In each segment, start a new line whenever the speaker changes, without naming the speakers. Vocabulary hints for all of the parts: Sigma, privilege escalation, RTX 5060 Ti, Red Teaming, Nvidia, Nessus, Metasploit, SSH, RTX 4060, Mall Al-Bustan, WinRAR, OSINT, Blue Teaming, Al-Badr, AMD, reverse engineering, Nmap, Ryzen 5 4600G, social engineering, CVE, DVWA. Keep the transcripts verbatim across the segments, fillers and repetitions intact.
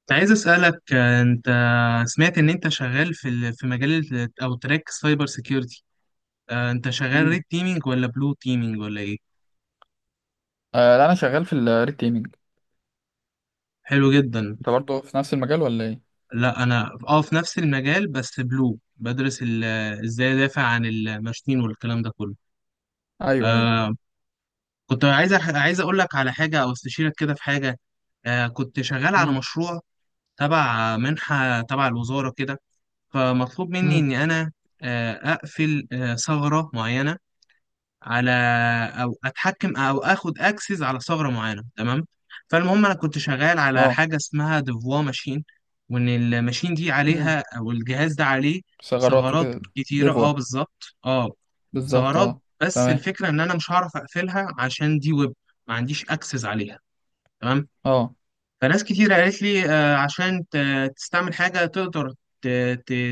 كنت عايز أسألك آه، أنت سمعت إن أنت شغال في ال- في مجال ال- أو تراك سايبر سيكيورتي. آه، أنت شغال
مم.
ريد تيمينج ولا بلو تيمينج ولا إيه؟
آه لا، انا شغال في الريت تيمينج.
حلو جدا.
انت برضه في نفس المجال ولا ايه؟
لا، أنا أه في نفس المجال، بس بلو بدرس ال- إزاي أدافع عن الماشين والكلام ده كله.
ايوه، ايوه.
آه كنت عايز أح- عايز أقول لك على حاجة أو استشيرك كده في حاجة. آه كنت شغال على
امم.
مشروع تبع منحة تبع الوزارة كده. فمطلوب مني
امم.
إني أنا آه أقفل آه ثغرة معينة على او اتحكم او اخد اكسس على ثغره معينه. تمام. فالمهم انا كنت شغال على
اه.
حاجه اسمها ديفوا ماشين، وان الماشين دي
امم.
عليها او الجهاز ده عليه
ثغرات
ثغرات
وكده.
كتيره،
ديفوا.
اه، بالظبط، اه.
بالظبط،
ثغرات،
اه.
بس
تمام،
الفكره ان انا مش هعرف اقفلها عشان دي ويب، ما عنديش اكسس عليها. تمام.
اه.
فناس كتير قالت لي آه، عشان ت- تستعمل حاجه تقدر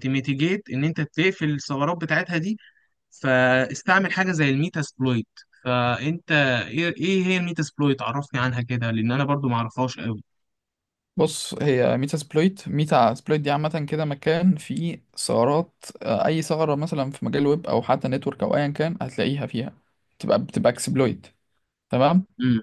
تميتيجيت ان انت تقفل الثغرات بتاعتها دي، فاستعمل حاجه زي الميتاسبلويت. فانت، ايه إيه هي الميتاسبلويت؟ عرفني عنها كده، لان انا برضو ما اعرفهاش قوي.
بص، هي ميتا سبلويت. ميتا سبلويت دي عامة كده، مكان فيه ثغرات. آه، أي ثغرة مثلا في مجال ويب أو حتى نتورك أو أيا كان هتلاقيها فيها. تبقى بتبقى اكسبلويت. تمام.
امم.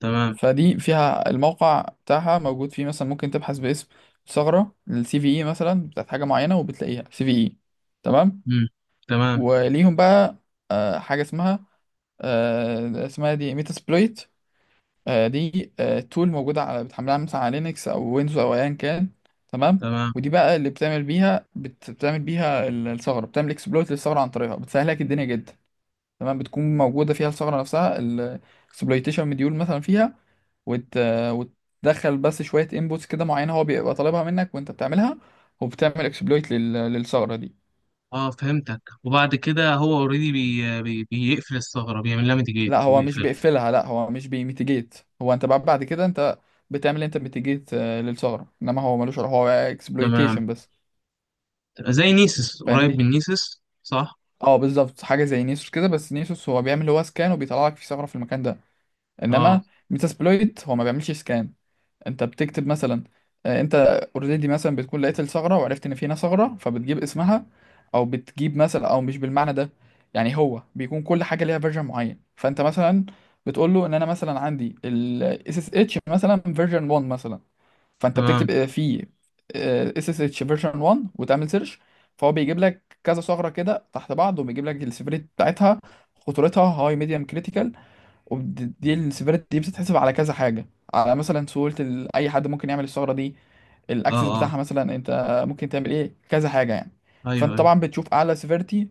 تمام.
فدي فيها الموقع بتاعها موجود فيه، مثلا ممكن تبحث باسم ثغرة السي في اي مثلا بتاعت حاجة معينة، وبتلاقيها سي في اي. تمام.
امم. تمام.
وليهم بقى آه، حاجة اسمها آه، اسمها دي ميتا سبلويت. آه، دي آه، تول موجودة على، بتحملها مثلا على لينكس أو ويندوز أو أيا كان. تمام.
تمام.
ودي بقى اللي بتعمل بيها بت- بتعمل بيها ال- الثغرة، بتعمل اكسبلويت للثغرة عن طريقها، بتسهل لك الدنيا جدا. تمام. بتكون موجودة فيها الثغرة نفسها، الاكسبلويتيشن مديول مثلا فيها. وت... وتدخل بس شوية انبوتس كده معينة، هو بيبقى طالبها منك وانت بتعملها، وبتعمل اكسبلويت لل... للثغرة دي.
اه، فهمتك. وبعد كده هو اوريدي بي بي بيقفل الثغره، بيعمل لها ميتيجيت
لا، هو مش
وبيقفلها.
بيقفلها، لا هو مش بيميتيجيت، هو انت بعد بعد كده انت بتعمل انت ميتيجيت للثغره، انما هو ملوش علاقة، هو
تمام.
اكسبلويتيشن بس.
زي نيسس، قريب
فاهمني.
من نيسس، صح؟
اه، بالظبط حاجه زي نيسوس كده، بس نيسوس هو بيعمل هو سكان وبيطلع لك في ثغره في المكان ده،
اه،
انما ميتاسبلويت هو ما بيعملش سكان. انت بتكتب مثلا، آه، انت اوريدي مثلا بتكون لقيت الثغره وعرفت ان في هنا ثغره، فبتجيب اسمها، او بتجيب مثلا، او مش بالمعنى ده. يعني هو بيكون كل حاجه ليها فيرجن معين، فانت مثلا بتقول له ان انا مثلا عندي ال اس اس اتش مثلا فيرجن واحد مثلا. فانت
تمام.
بتكتب آه، في اس اس اتش فيرجن واحد وتعمل سيرش. فهو بيجيب لك كذا ثغره كده تحت بعض، وبيجيب لك السيفيريتي بتاعتها، خطورتها هاي ميديوم كريتيكال. ودي السيفيريتي دي بتتحسب على كذا حاجة، على مثلا سهولة ال- أي حد ممكن يعمل الثغرة دي،
اه،
الأكسس
اه،
بتاعها مثلا. أنت ممكن تعمل إيه، كذا حاجة يعني.
ايوه،
فأنت
ايوه.
طبعا بتشوف أعلى سيفيريتي،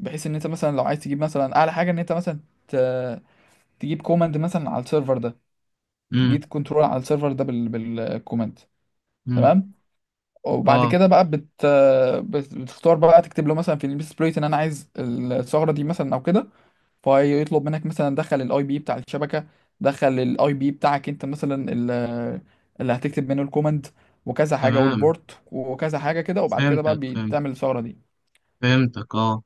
بحيث إن أنت مثلا لو عايز تجيب مثلا أعلى حاجة، إن أنت مثلا ت- تجيب كوماند مثلا على السيرفر ده،
امم.
تجيب كنترول على السيرفر ده بال... بالكوماند.
امم.
تمام. وبعد
اه،
كده بقى بت... بت- بتختار بقى، تكتب له مثلا في البيس بليت إن أنا عايز الثغرة دي مثلا أو كده. فيطلب منك مثلا، دخل الاي بي بتاع الشبكه، دخل الاي بي بتاعك انت مثلا، ال- اللي هتكتب منه الكوماند وكذا حاجه،
تمام.
والبورت وكذا حاجه كده، وبعد كده بقى
فهمتك، فهمت،
بتعمل الثغره
فهمتك، اه.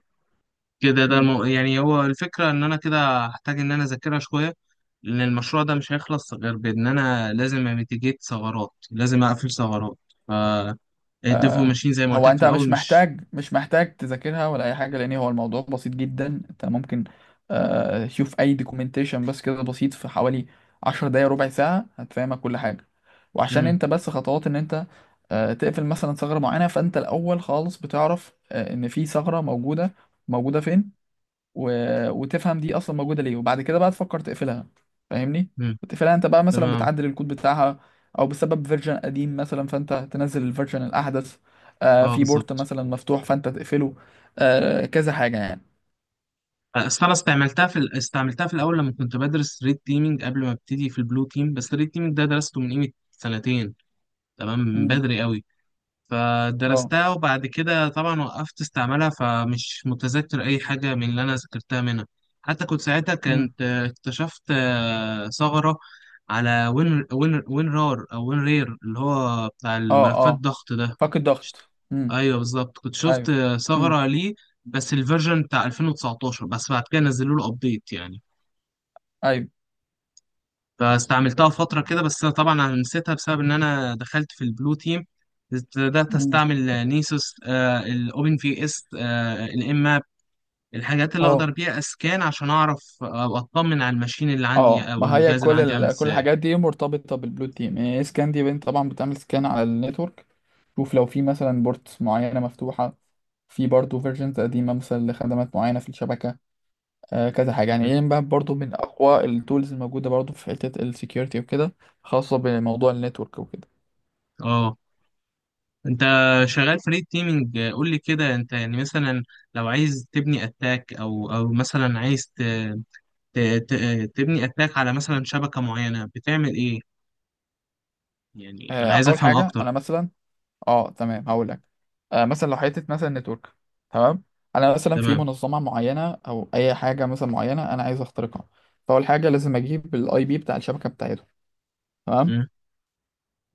كده، ده
دي.
المو... يعني هو الفكرة إن أنا كده هحتاج إن أنا أذاكرها شوية، لأن المشروع ده مش هيخلص غير بإن أنا لازم أميتيجيت ثغرات، لازم أقفل ثغرات. ف الديفو
آه،
ماشين زي ما قلت
هو
لك في
انت مش
الأول، مش.
محتاج مش محتاج تذاكرها ولا اي حاجه، لان هو الموضوع بسيط جدا. انت ممكن آه، تشوف اي دوكيومنتيشن بس كده بسيط، في حوالي عشر دقايق ربع ساعه هتفهمك كل حاجه. وعشان
مم.
انت بس خطوات ان انت آه، تقفل مثلا ثغره معينه، فانت الاول خالص بتعرف آه، ان في ثغره موجوده، موجوده فين، و... وتفهم دي اصلا موجوده ليه، وبعد كده بقى تفكر تقفلها. فاهمني.
مم.
وتقفلها انت بقى، مثلا
تمام.
بتعدل الكود بتاعها، او بسبب فيرجن قديم مثلا فانت تنزل الفيرجن الاحدث. آه
أه،
في بورت
بالظبط.
مثلا مفتوح فانت تقفله. آه كذا حاجه يعني.
أصل أنا استعملتها في ال... استعملتها في الأول لما كنت بدرس ريد تيمينج، قبل ما أبتدي في البلو تيم. بس الريد تيمينج ده درسته من قيمة سنتين. تمام، من
امم.
بدري أوي.
اه.
فدرستها وبعد كده طبعا وقفت استعملها، فمش متذكر أي حاجة من اللي أنا ذاكرتها منها. حتى كنت ساعتها،
امم.
كنت آه، اكتشفت آه، ثغرة على وين وين وين رار أو وين رير، اللي هو بتاع
اه.
الملفات
اه.
الضغط ده.
فك الضغط. امم.
ايوه بالظبط، كنت شفت
ايوه. امم.
ثغرة ليه، بس الفيرجن بتاع ألفين وتسعتاشر. بس بعد كده نزلوا له ابديت يعني،
ايوه.
فاستعملتها فترة كده. بس أنا طبعا أنا نسيتها بسبب إن أنا دخلت في البلو تيم. بدأت
امم.
أستعمل نيسوس، آه، الأوبن في إس، آه، الإم ماب، الحاجات اللي
اه.
أقدر بيها أسكان عشان أعرف أو أطمن على الماشين اللي عندي
اه،
أو
ما هي
الجهاز اللي
كل
عندي عامل
ال... كل
إزاي.
الحاجات دي مرتبطه بالبلو تيم يعني. سكان دي بنت طبعا بتعمل سكان على النتورك، شوف لو في مثلا بورتس معينه مفتوحه، في برضه فيرجنز قديمه مثلا لخدمات معينه في الشبكه. آه كذا حاجه يعني. ايه بقى برضه من اقوى التولز الموجوده برضه في حته السكيورتي وكده، خاصه بموضوع النتورك وكده.
أه أنت شغال فريد تيمينج، قول لي كده. أنت يعني مثلا لو عايز تبني أتاك، أو أو مثلا عايز ت... ت... ت... تبني أتاك على مثلا شبكة معينة، بتعمل إيه؟ يعني أنا
آه
عايز
اول
أفهم
حاجه
أكتر.
انا مثلا، اه تمام هقول لك. آه مثلا لو حته مثلا نتورك. تمام. انا مثلا في
تمام،
منظمه معينه او اي حاجه مثلا معينه انا عايز اخترقها. فاول حاجه لازم اجيب الاي بي بتاع الشبكه بتاعتهم. تمام.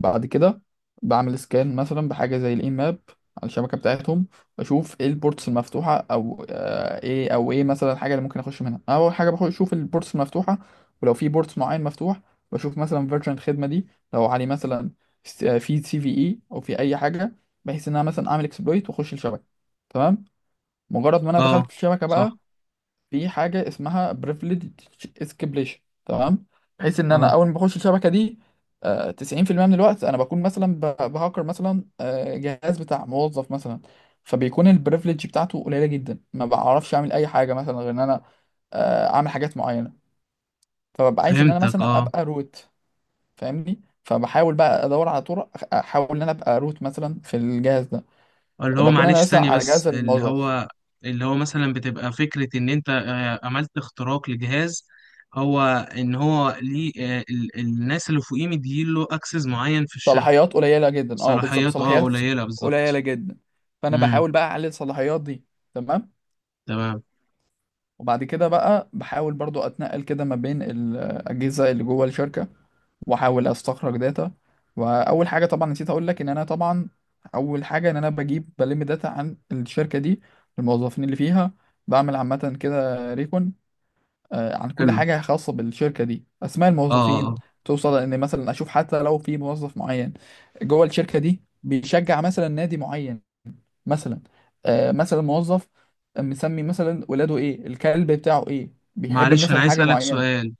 بعد كده بعمل سكان مثلا بحاجة زي الاي ماب على الشبكة بتاعتهم، بشوف ايه البورتس المفتوحة، او آه، ايه او ايه مثلا الحاجة اللي ممكن اخش منها. اول حاجة بخش اشوف البورتس المفتوحة، ولو في بورتس معين مفتوح بشوف مثلا فيرجن الخدمة دي، لو عليه مثلا س- آه، في سي في اي او في اي حاجة، بحيث ان انا مثلا اعمل اكسبلويت واخش الشبكة. تمام. مجرد ما انا
اه،
دخلت الشبكة
صح،
بقى، في حاجة اسمها privileged escalation. تمام. بحيث ان انا
اه،
اول ما بخش الشبكة دي، آه، تسعين في المية من الوقت انا بكون مثلا ب- بهكر مثلا آه، جهاز بتاع موظف مثلا. فبيكون البريفليج بتاعته قليلة جدا، ما بعرفش اعمل اي حاجة مثلا غير ان انا آه، اعمل حاجات معينة. فببقى عايز ان انا
فهمتك،
مثلا
اه.
ابقى روت. فاهمني. فبحاول بقى ادور على طرق أخ- احاول ان انا ابقى روت مثلا في الجهاز ده،
اللي هو
بكون انا
معلش
مثلا
ثانية
على جهاز
بس، اللي
الموظف،
هو اللي هو مثلا بتبقى فكرة ان انت آه، عملت اختراق لجهاز. هو ان هو ليه آه، ال- الناس اللي فوقيه مديله اكسس معين في الشركة.
صلاحيات قليله جدا. اه، بالظبط
صلاحيات، اه،
صلاحيات
قليلة،
قليله
بالظبط.
جدا. فانا
امم.
بحاول بقى اعلي الصلاحيات دي. تمام.
تمام.
وبعد كده بقى بحاول برضو اتنقل كده ما بين الاجهزه اللي جوه الشركه، واحاول استخرج داتا. واول حاجه طبعا نسيت اقول لك ان انا طبعا، اول حاجه ان انا بجيب بلم داتا عن الشركه دي، الموظفين اللي فيها. بعمل عامه كده ريكون آه، عن كل
حلو،
حاجة خاصة بالشركة دي، أسماء
اه. آه،
الموظفين.
آه.
توصل إن مثلا أشوف حتى لو في موظف معين جوه الشركة دي بيشجع مثلا نادي معين مثلا. آه، مثلا موظف مسمي مثلا ولاده إيه، الكلب بتاعه إيه، بيحب
معلش، انا
مثلا
عايز
حاجة
اسألك
معينة.
سؤال.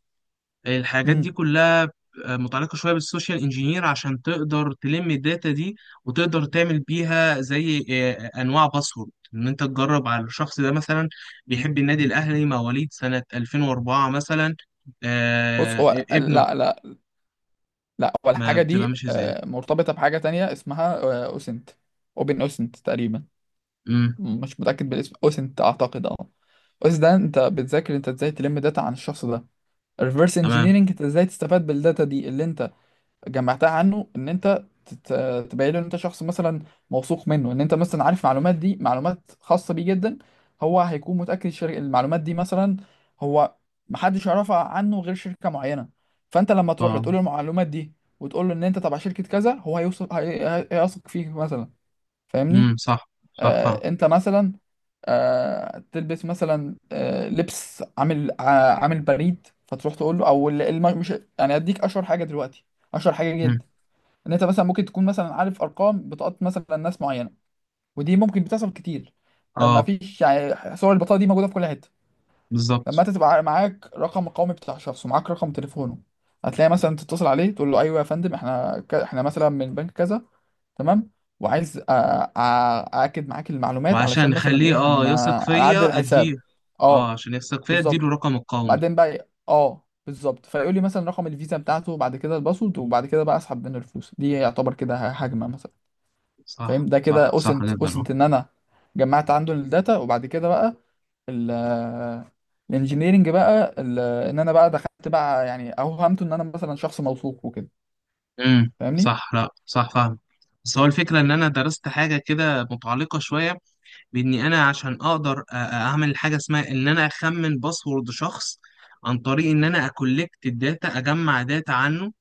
الحاجات
مم.
دي كلها متعلقة شوية بالسوشيال انجينير، عشان تقدر تلم الداتا دي وتقدر تعمل بيها زي آه، أنواع باسورد إن أنت تجرب على الشخص ده مثلا بيحب النادي الأهلي، مواليد سنة ألفين وأربعة مثلا،
بص،
آه،
هو،
ابنه.
لا، لا، لا هو
ما
الحاجة
بتبقى
دي
ماشية إزاي؟
آه، مرتبطة بحاجة تانية اسمها آه، أوسنت، أوبن أوسنت تقريبا،
امم.
مش متأكد بالاسم. أوسنت أعتقد، أه. أوسنت ده أنت بتذاكر أنت إزاي تلم داتا عن الشخص ده، الريفرس
تمام.
انجينيرنج. انت ازاي تستفاد بالداتا دي اللي انت جمعتها عنه، ان انت تت- تبين له ان انت شخص مثلا موثوق منه، ان انت مثلا عارف معلومات دي، معلومات خاصة بيه جدا، هو هيكون متأكد الشر- المعلومات دي مثلا، هو محدش يعرفها عنه غير شركة معينة. فانت لما تروح له
اه.
تقول له المعلومات دي، وتقول له ان انت تبع شركة كذا، هو هيوثق هي- هي- هيثق فيك مثلا. فاهمني.
امم، صح، صح، فاهم.
آه انت مثلا آه، تلبس مثلا آه، لبس عامل ع- عامل بريد، فتروح تقول له، او ال- الم- مش، يعني اديك اشهر حاجه دلوقتي، اشهر حاجه
امم،
جدا. ان انت مثلا ممكن تكون مثلا عارف ارقام بطاقات مثلا ناس معينه، ودي ممكن بتحصل كتير. آه، ما
اه،
فيش يعني صور البطاقه دي موجوده في كل حته. لما
بالظبط.
انت تبقى معاك رقم القومي بتاع شخص ومعاك رقم تليفونه، هتلاقي مثلا تتصل عليه تقول له: ايوه يا فندم، احنا ك- احنا مثلا من بنك كذا، تمام، وعايز أ- أ- ااكد معاك المعلومات
وعشان
علشان مثلا
نخليه،
ايه، هن
اه يثق
هنعدل
فيا، أديه.
الحساب.
اه،
اه،
عشان يثق فيا
بالظبط.
أديله رقم القومي.
بعدين بقى إيه؟ اه، بالظبط. فيقول لي مثلا رقم الفيزا بتاعته، وبعد كده الباسورد، وبعد كده بقى اسحب منه الفلوس. دي يعتبر كده ه- هجمه مثلا. فاهم.
صح،
ده كده
صح، صح
اوسنت.
جدا. آه.
اوسنت ان انا جمعت عنده الداتا، وبعد كده بقى ال الانجينيرنج بقى، ال- ان انا بقى دخلت بقى، يعني اوهمته ان انا مثلا شخص موثوق وكده.
امم،
فاهمني.
صح، لا، صح، فاهم. بس هو الفكرة إن أنا درست حاجة كده متعلقة شوية، بإني أنا عشان أقدر أ- أ- أعمل حاجة اسمها إن أنا أخمن باسورد شخص عن طريق إن أنا أكولكت الداتا، أجمع داتا عنه.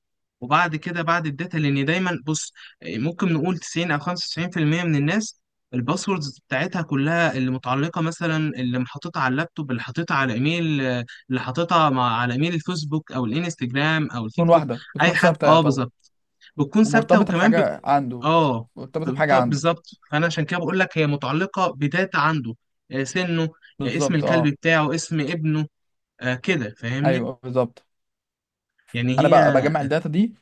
وبعد كده بعد الداتا، لأن دايما بص، ممكن نقول تسعين أو خمسة وتسعين في المية من الناس الباسوردز بتاعتها كلها اللي متعلقة مثلا، اللي محطتها على اللابتوب، اللي حاططها على إيميل، اللي حاططها مع على إيميل الفيسبوك أو الإنستجرام أو
تكون
التيك توك،
واحده بتكون
اي حاجه،
ثابته
اه،
يعتبر،
بتكون ثابته.
ومرتبطه
وكمان بت...
بحاجه عنده،
اه،
مرتبطه
بت-
بحاجه عنده.
بالظبط، انا عشان كده بقول لك هي متعلقه بداتا عنده. آه، سنه، آه، اسم
بالظبط،
الكلب
اه.
بتاعه، اسم ابنه، آه، كده، فاهمني؟
ايوه بالظبط.
يعني
انا بقى
هي
بجمع الداتا دي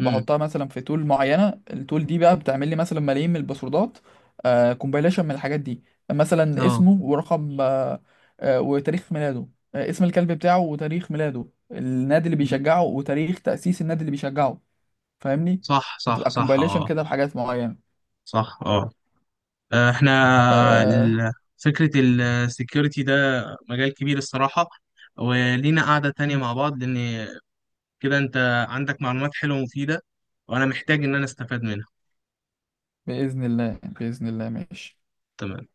امم،
مثلا في تول معينه، التول دي بقى بتعمل لي مثلا ملايين من الباسوردات. آه كومبايليشن من الحاجات دي، مثلا
اه،
اسمه ورقم، آه آه وتاريخ ميلاده، آه اسم الكلب بتاعه وتاريخ ميلاده، النادي اللي
مم.
بيشجعه وتاريخ تأسيس النادي اللي بيشجعه. فاهمني.
صح، صح،
بتبقى
صح،
كومبايليشن
اه.
كده بحاجات معينه.
صح، اه. آه، احنا
آه.
ال- فكره السكيورتي ده مجال كبير الصراحه. ولينا قعده تانية
مم.
مع بعض، لان كده انت عندك معلومات حلوه ومفيده، وانا محتاج ان انا استفاد منها.
بإذن الله. بإذن الله، ماشي.
تمام.